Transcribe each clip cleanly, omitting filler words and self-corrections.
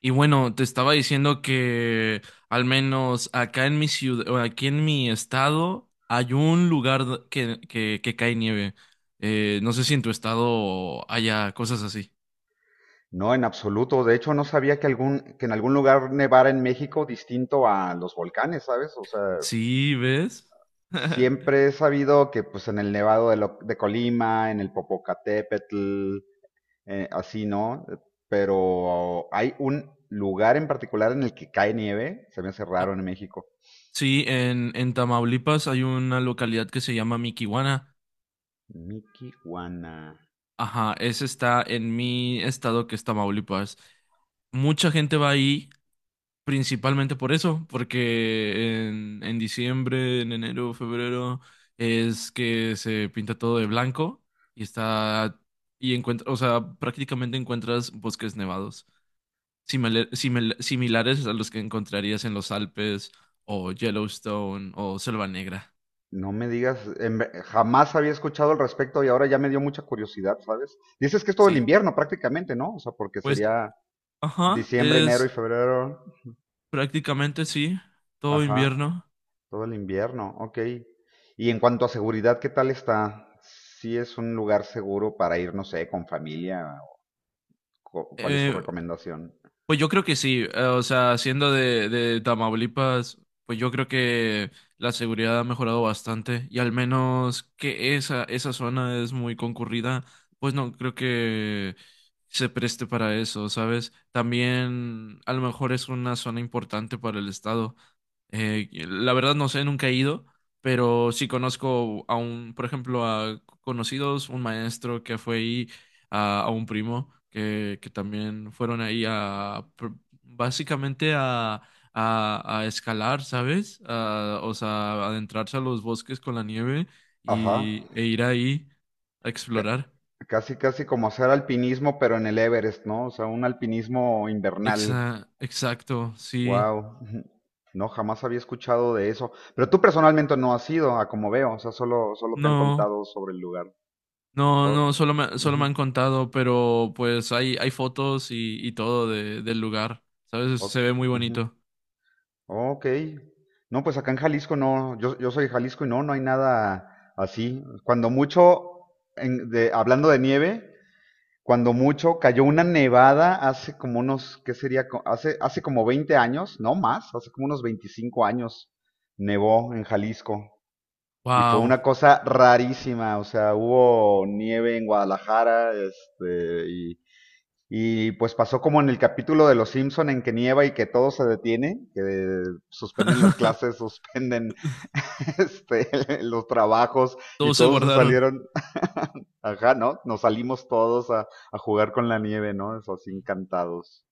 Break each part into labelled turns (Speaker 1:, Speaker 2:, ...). Speaker 1: Y bueno, te estaba diciendo que al menos acá en mi ciudad, o aquí en mi estado, hay un lugar que cae nieve. No sé si en tu estado haya cosas así.
Speaker 2: No, en absoluto. De hecho, no sabía que en algún lugar nevara en México distinto a los volcanes, ¿sabes? O sea,
Speaker 1: Sí, ¿ves?
Speaker 2: siempre he sabido que pues en el de Colima, en el Popocatépetl, así, ¿no? Pero hay un lugar en particular en el que cae nieve, se me hace
Speaker 1: Ah,
Speaker 2: raro en México.
Speaker 1: sí, en Tamaulipas hay una localidad que se llama Miquihuana.
Speaker 2: Miquihuana.
Speaker 1: Ajá, ese está en mi estado, que es Tamaulipas. Mucha gente va ahí, principalmente por eso, porque en diciembre, en enero, febrero, es que se pinta todo de blanco y está, y encuentra, o sea, prácticamente encuentras bosques nevados, similares a los que encontrarías en los Alpes o Yellowstone o Selva Negra.
Speaker 2: No me digas, jamás había escuchado al respecto y ahora ya me dio mucha curiosidad, ¿sabes? Dices que es todo el
Speaker 1: Sí.
Speaker 2: invierno prácticamente, ¿no? O sea, porque
Speaker 1: Pues,
Speaker 2: sería
Speaker 1: ajá,
Speaker 2: diciembre, enero y
Speaker 1: es
Speaker 2: febrero.
Speaker 1: prácticamente sí, todo
Speaker 2: Ajá,
Speaker 1: invierno.
Speaker 2: todo el invierno. Ok. Y en cuanto a seguridad, ¿qué tal está? ¿Sí es un lugar seguro para ir, no sé, con familia? ¿Cuál es tu
Speaker 1: Eh,
Speaker 2: recomendación?
Speaker 1: Pues yo creo que sí, o sea, siendo de Tamaulipas, pues yo creo que la seguridad ha mejorado bastante y al menos que esa zona es muy concurrida, pues no creo que se preste para eso, ¿sabes? También a lo mejor es una zona importante para el estado. La verdad no sé, nunca he ido, pero sí conozco a un, por ejemplo, a conocidos, un maestro que fue ahí a un primo que también fueron ahí a básicamente a escalar, ¿sabes? A, o sea, adentrarse a los bosques con la nieve
Speaker 2: Ajá.
Speaker 1: y, e ir ahí a
Speaker 2: Ca-
Speaker 1: explorar.
Speaker 2: Casi, casi como hacer alpinismo, pero en el Everest, ¿no? O sea, un alpinismo invernal.
Speaker 1: Exacto, sí.
Speaker 2: Wow. No, jamás había escuchado de eso. Pero tú personalmente no has ido, a como veo. O sea, solo te han
Speaker 1: No,
Speaker 2: contado sobre el lugar.
Speaker 1: no,
Speaker 2: Oh,
Speaker 1: no, solo me
Speaker 2: ujú,
Speaker 1: han contado, pero pues hay fotos y todo de, del lugar, ¿sabes?
Speaker 2: oh,
Speaker 1: Se ve muy
Speaker 2: ujú.
Speaker 1: bonito.
Speaker 2: Ok. No, pues acá en Jalisco no, yo soy de Jalisco y no, no hay nada así. Cuando mucho, hablando de nieve, cuando mucho cayó una nevada hace como unos, ¿qué sería? Hace, hace como 20 años, no más, hace como unos 25 años nevó en Jalisco. Y fue
Speaker 1: Wow.
Speaker 2: una cosa rarísima, o sea, hubo nieve en Guadalajara, este, y pues pasó como en el capítulo de Los Simpson en que nieva y que todo se detiene, que suspenden las clases, suspenden este, los trabajos y
Speaker 1: Todos se
Speaker 2: todos se
Speaker 1: guardaron.
Speaker 2: salieron, ajá, ¿no? Nos salimos todos a jugar con la nieve, ¿no? Eso así encantados.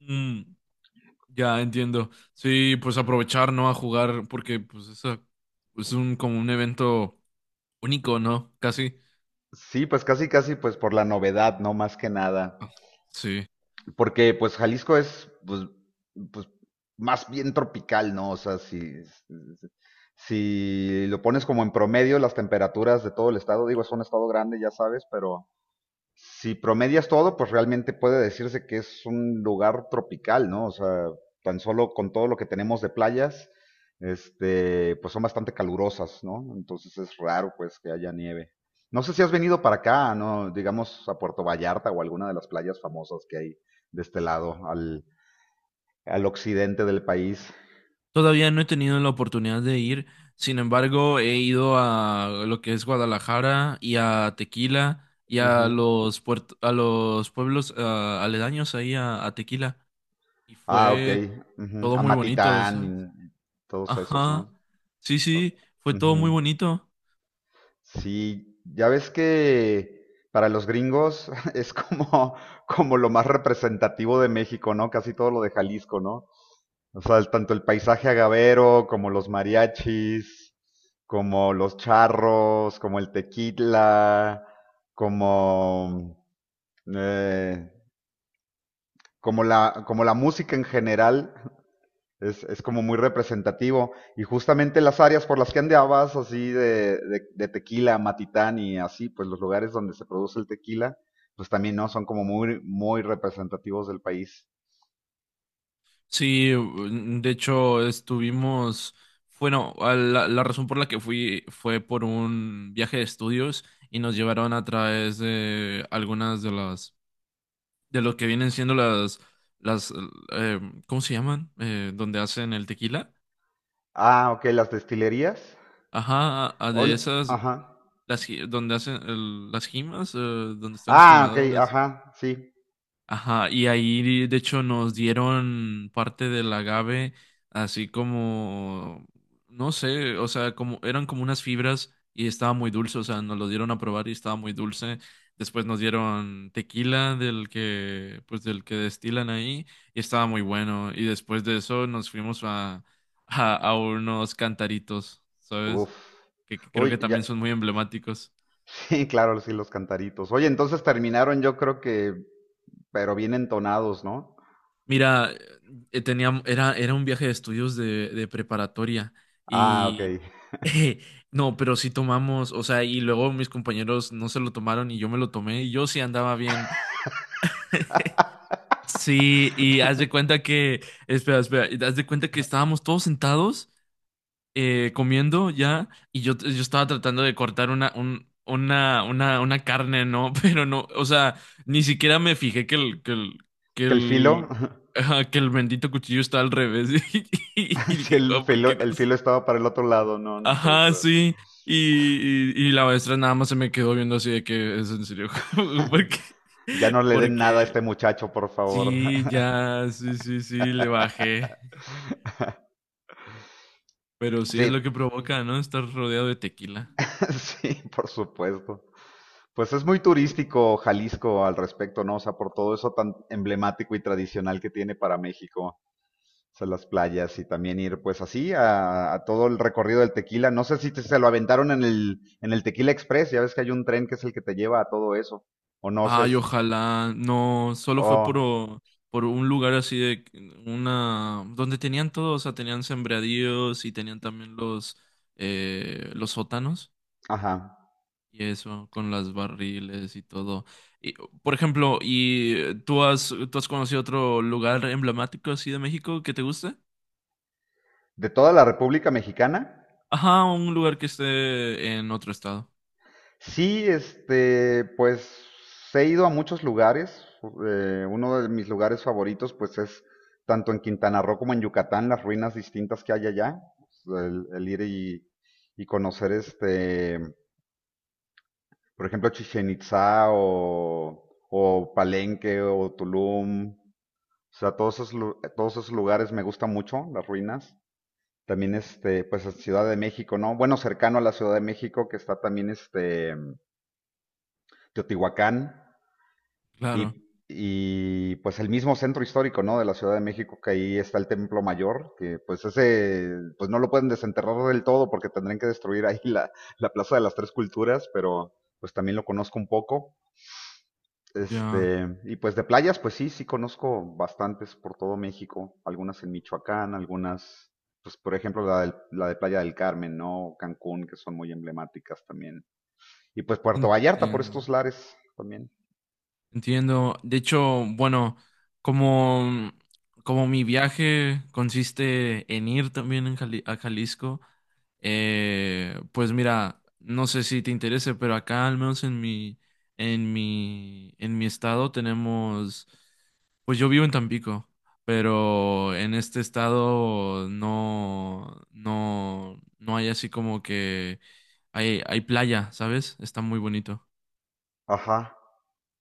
Speaker 1: Mm. Ya entiendo. Sí, pues aprovechar, ¿no? A jugar, porque pues eso es un como un evento único, ¿no? Casi.
Speaker 2: Sí, pues casi, casi, pues por la novedad, ¿no? Más que nada,
Speaker 1: Sí.
Speaker 2: porque pues Jalisco es pues, pues, más bien tropical, ¿no? O sea, si si lo pones como en promedio, las temperaturas de todo el estado, digo, es un estado grande, ya sabes, pero si promedias todo, pues realmente puede decirse que es un lugar tropical, ¿no? O sea, tan solo con todo lo que tenemos de playas, este, pues son bastante calurosas, ¿no? Entonces es raro, pues, que haya nieve. No sé si has venido para acá, ¿no? Digamos a Puerto Vallarta o alguna de las playas famosas que hay de este lado, al occidente del país.
Speaker 1: Todavía no he tenido la oportunidad de ir. Sin embargo, he ido a lo que es Guadalajara y a Tequila y a
Speaker 2: Ujú.
Speaker 1: los a los pueblos ah, aledaños ahí a Tequila. Y
Speaker 2: Ah, ok,
Speaker 1: fue
Speaker 2: ujú.
Speaker 1: todo
Speaker 2: A
Speaker 1: muy bonito,
Speaker 2: Matitán
Speaker 1: ¿sabes?
Speaker 2: y todos esos,
Speaker 1: Ajá.
Speaker 2: ¿no?
Speaker 1: Sí, sí, fue todo muy
Speaker 2: Ujú.
Speaker 1: bonito.
Speaker 2: Sí, ya ves que para los gringos es como, como lo más representativo de México, ¿no? Casi todo lo de Jalisco, ¿no? O sea, tanto el paisaje agavero, como los mariachis, como los charros, como el tequila, como, eh, como como la música en general. Es como muy representativo. Y justamente las áreas por las que andabas, así de tequila, matitán y así, pues los lugares donde se produce el tequila, pues también no son como muy representativos del país.
Speaker 1: Sí, mm, de hecho estuvimos, bueno, a la, la razón por la que fui fue por un viaje de estudios y nos llevaron a través de algunas de las, de lo que vienen siendo las, eh, ¿cómo se llaman? Donde hacen el tequila.
Speaker 2: Ah, ok, las destilerías.
Speaker 1: Ajá, a-
Speaker 2: Oh,
Speaker 1: de
Speaker 2: no,
Speaker 1: esas,
Speaker 2: ajá.
Speaker 1: las, ji- donde hacen el- las jimas, donde están los
Speaker 2: Ah, ok,
Speaker 1: jimadores.
Speaker 2: ajá, sí.
Speaker 1: Ajá, y ahí de hecho nos dieron parte del agave, así como, no sé, o sea, como eran como unas fibras y estaba muy dulce, o sea, nos lo dieron a probar y estaba muy dulce. Después nos dieron tequila del que, pues del que destilan ahí y estaba muy bueno. Y después de eso nos fuimos a unos cantaritos, ¿sabes?
Speaker 2: Uf.
Speaker 1: Que creo
Speaker 2: Uy,
Speaker 1: que
Speaker 2: ya.
Speaker 1: también son muy emblemáticos.
Speaker 2: Sí, claro, sí, los cantaritos. Oye, entonces terminaron, yo creo que, pero bien entonados, ¿no?
Speaker 1: Mira, tenía, era, era un viaje de estudios de preparatoria
Speaker 2: Ah, ok.
Speaker 1: y no, pero sí tomamos, o sea, y luego mis compañeros no se lo tomaron y yo me lo tomé y yo sí andaba bien. Sí, y haz de cuenta que, espera, espera, y haz de cuenta que estábamos todos sentados comiendo ya y yo estaba tratando de cortar una, una carne, ¿no? Pero no, o sea, ni siquiera me fijé que que
Speaker 2: ¿Que el filo?
Speaker 1: el, ajá, que el bendito cuchillo está al revés. Y,
Speaker 2: Si
Speaker 1: dije,
Speaker 2: el
Speaker 1: "Ah, ¿por qué
Speaker 2: filo,
Speaker 1: no?
Speaker 2: el filo estaba para el otro lado, no, no puede
Speaker 1: Ajá,
Speaker 2: ser.
Speaker 1: sí. Y la maestra nada más se me quedó viendo así de que es en serio. Porque,
Speaker 2: Ya no le den nada a este
Speaker 1: porque
Speaker 2: muchacho, por favor.
Speaker 1: sí, ya, sí, sí, sí, le bajé. Pero sí es
Speaker 2: Sí,
Speaker 1: lo que provoca, ¿no? Estar rodeado de tequila.
Speaker 2: sí, por supuesto. Pues es muy turístico Jalisco al respecto, ¿no? O sea, por todo eso tan emblemático y tradicional que tiene para México. O sea, las playas y también ir pues así a todo el recorrido del tequila. No sé si te- se lo aventaron en en el Tequila Express, ya ves que hay un tren que es el que te lleva a todo eso. O no sé,
Speaker 1: Ay, ojalá. No, solo
Speaker 2: o,
Speaker 1: fue por, o- por un lugar así de una donde tenían todo, o sea, tenían sembradíos y tenían también los sótanos
Speaker 2: ajá.
Speaker 1: y eso, con las barriles y todo. Y, por ejemplo, ¿y tú has conocido otro lugar emblemático así de México que te guste?
Speaker 2: ¿De toda la República Mexicana?
Speaker 1: Ajá, un lugar que esté en otro estado.
Speaker 2: Sí, este, pues he ido a muchos lugares, uno de mis lugares favoritos, pues es tanto en Quintana Roo como en Yucatán, las ruinas distintas que hay allá. El ir y conocer, este, por ejemplo, Chichén Itzá o Palenque o Tulum. O sea, todos esos lugares me gustan mucho, las ruinas. También, este, pues en Ciudad de México, ¿no? Bueno, cercano a la Ciudad de México, que está también, este, Teotihuacán.
Speaker 1: Claro,
Speaker 2: Y pues el mismo centro histórico, ¿no? De la Ciudad de México, que ahí está el Templo Mayor, que pues ese, pues no lo pueden desenterrar del todo porque tendrían que destruir ahí la Plaza de las Tres Culturas, pero pues también lo conozco un poco.
Speaker 1: ya
Speaker 2: Este, y pues de playas, pues sí, sí conozco bastantes por todo México, algunas en Michoacán, algunas, pues por ejemplo la de Playa del Carmen, ¿no? Cancún, que son muy emblemáticas también. Y pues Puerto Vallarta por
Speaker 1: entiendo.
Speaker 2: estos lares también.
Speaker 1: Entiendo. De hecho, bueno, como, como mi viaje consiste en ir también en a Jalisco, pues mira, no sé si te interese, pero acá al menos en mi, en mi estado tenemos, pues yo vivo en Tampico, pero en este estado no, no, no hay así como que hay playa, ¿sabes? Está muy bonito.
Speaker 2: Ajá.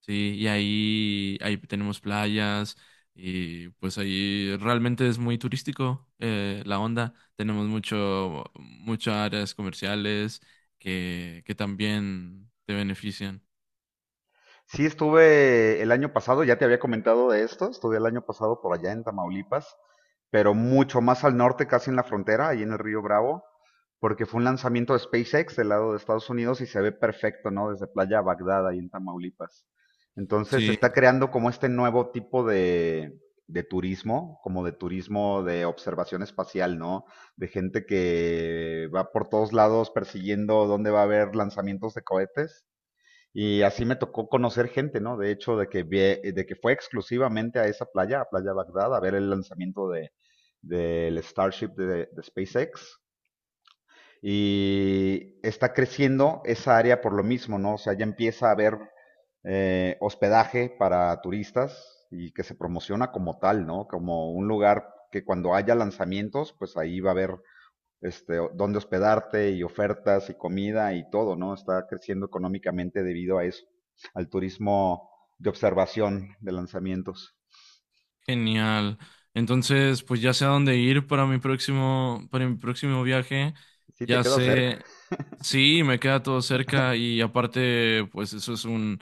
Speaker 1: Sí, y ahí, ahí tenemos playas y pues ahí realmente es muy turístico la onda. Tenemos mucho, muchas áreas comerciales que también te benefician.
Speaker 2: Sí, estuve el año pasado, ya te había comentado de esto, estuve el año pasado por allá en Tamaulipas, pero mucho más al norte, casi en la frontera, ahí en el Río Bravo, porque fue un lanzamiento de SpaceX del lado de Estados Unidos y se ve perfecto, ¿no? Desde Playa Bagdad, ahí en Tamaulipas. Entonces se
Speaker 1: Sí,
Speaker 2: está creando como este nuevo tipo de turismo, como de turismo de observación espacial, ¿no? De gente que va por todos lados persiguiendo dónde va a haber lanzamientos de cohetes y así me tocó conocer gente, ¿no? De hecho, de que fue exclusivamente a esa playa, a Playa Bagdad, a ver el lanzamiento de, del Starship de SpaceX. Y está creciendo esa área por lo mismo, ¿no? O sea, ya empieza a haber hospedaje para turistas y que se promociona como tal, ¿no? Como un lugar que cuando haya lanzamientos, pues ahí va a haber este, dónde hospedarte y ofertas y comida y todo, ¿no? Está creciendo económicamente debido a eso, al turismo de observación de lanzamientos.
Speaker 1: genial. Entonces, pues ya sé a dónde ir para mi próximo viaje.
Speaker 2: ¿Sí te
Speaker 1: Ya
Speaker 2: queda cerca?
Speaker 1: sé, sí, me queda todo cerca y aparte, pues eso es un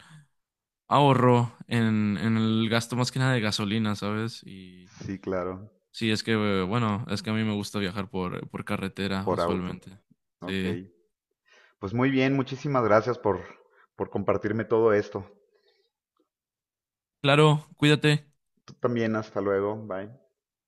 Speaker 1: ahorro en el gasto más que nada de gasolina, ¿sabes? Y
Speaker 2: Sí, claro,
Speaker 1: sí, es que, bueno, es que a mí me gusta viajar por carretera
Speaker 2: por auto.
Speaker 1: usualmente.
Speaker 2: Ok.
Speaker 1: Sí.
Speaker 2: Pues muy bien, muchísimas gracias por compartirme todo esto.
Speaker 1: Claro, cuídate.
Speaker 2: Tú también, hasta luego, bye.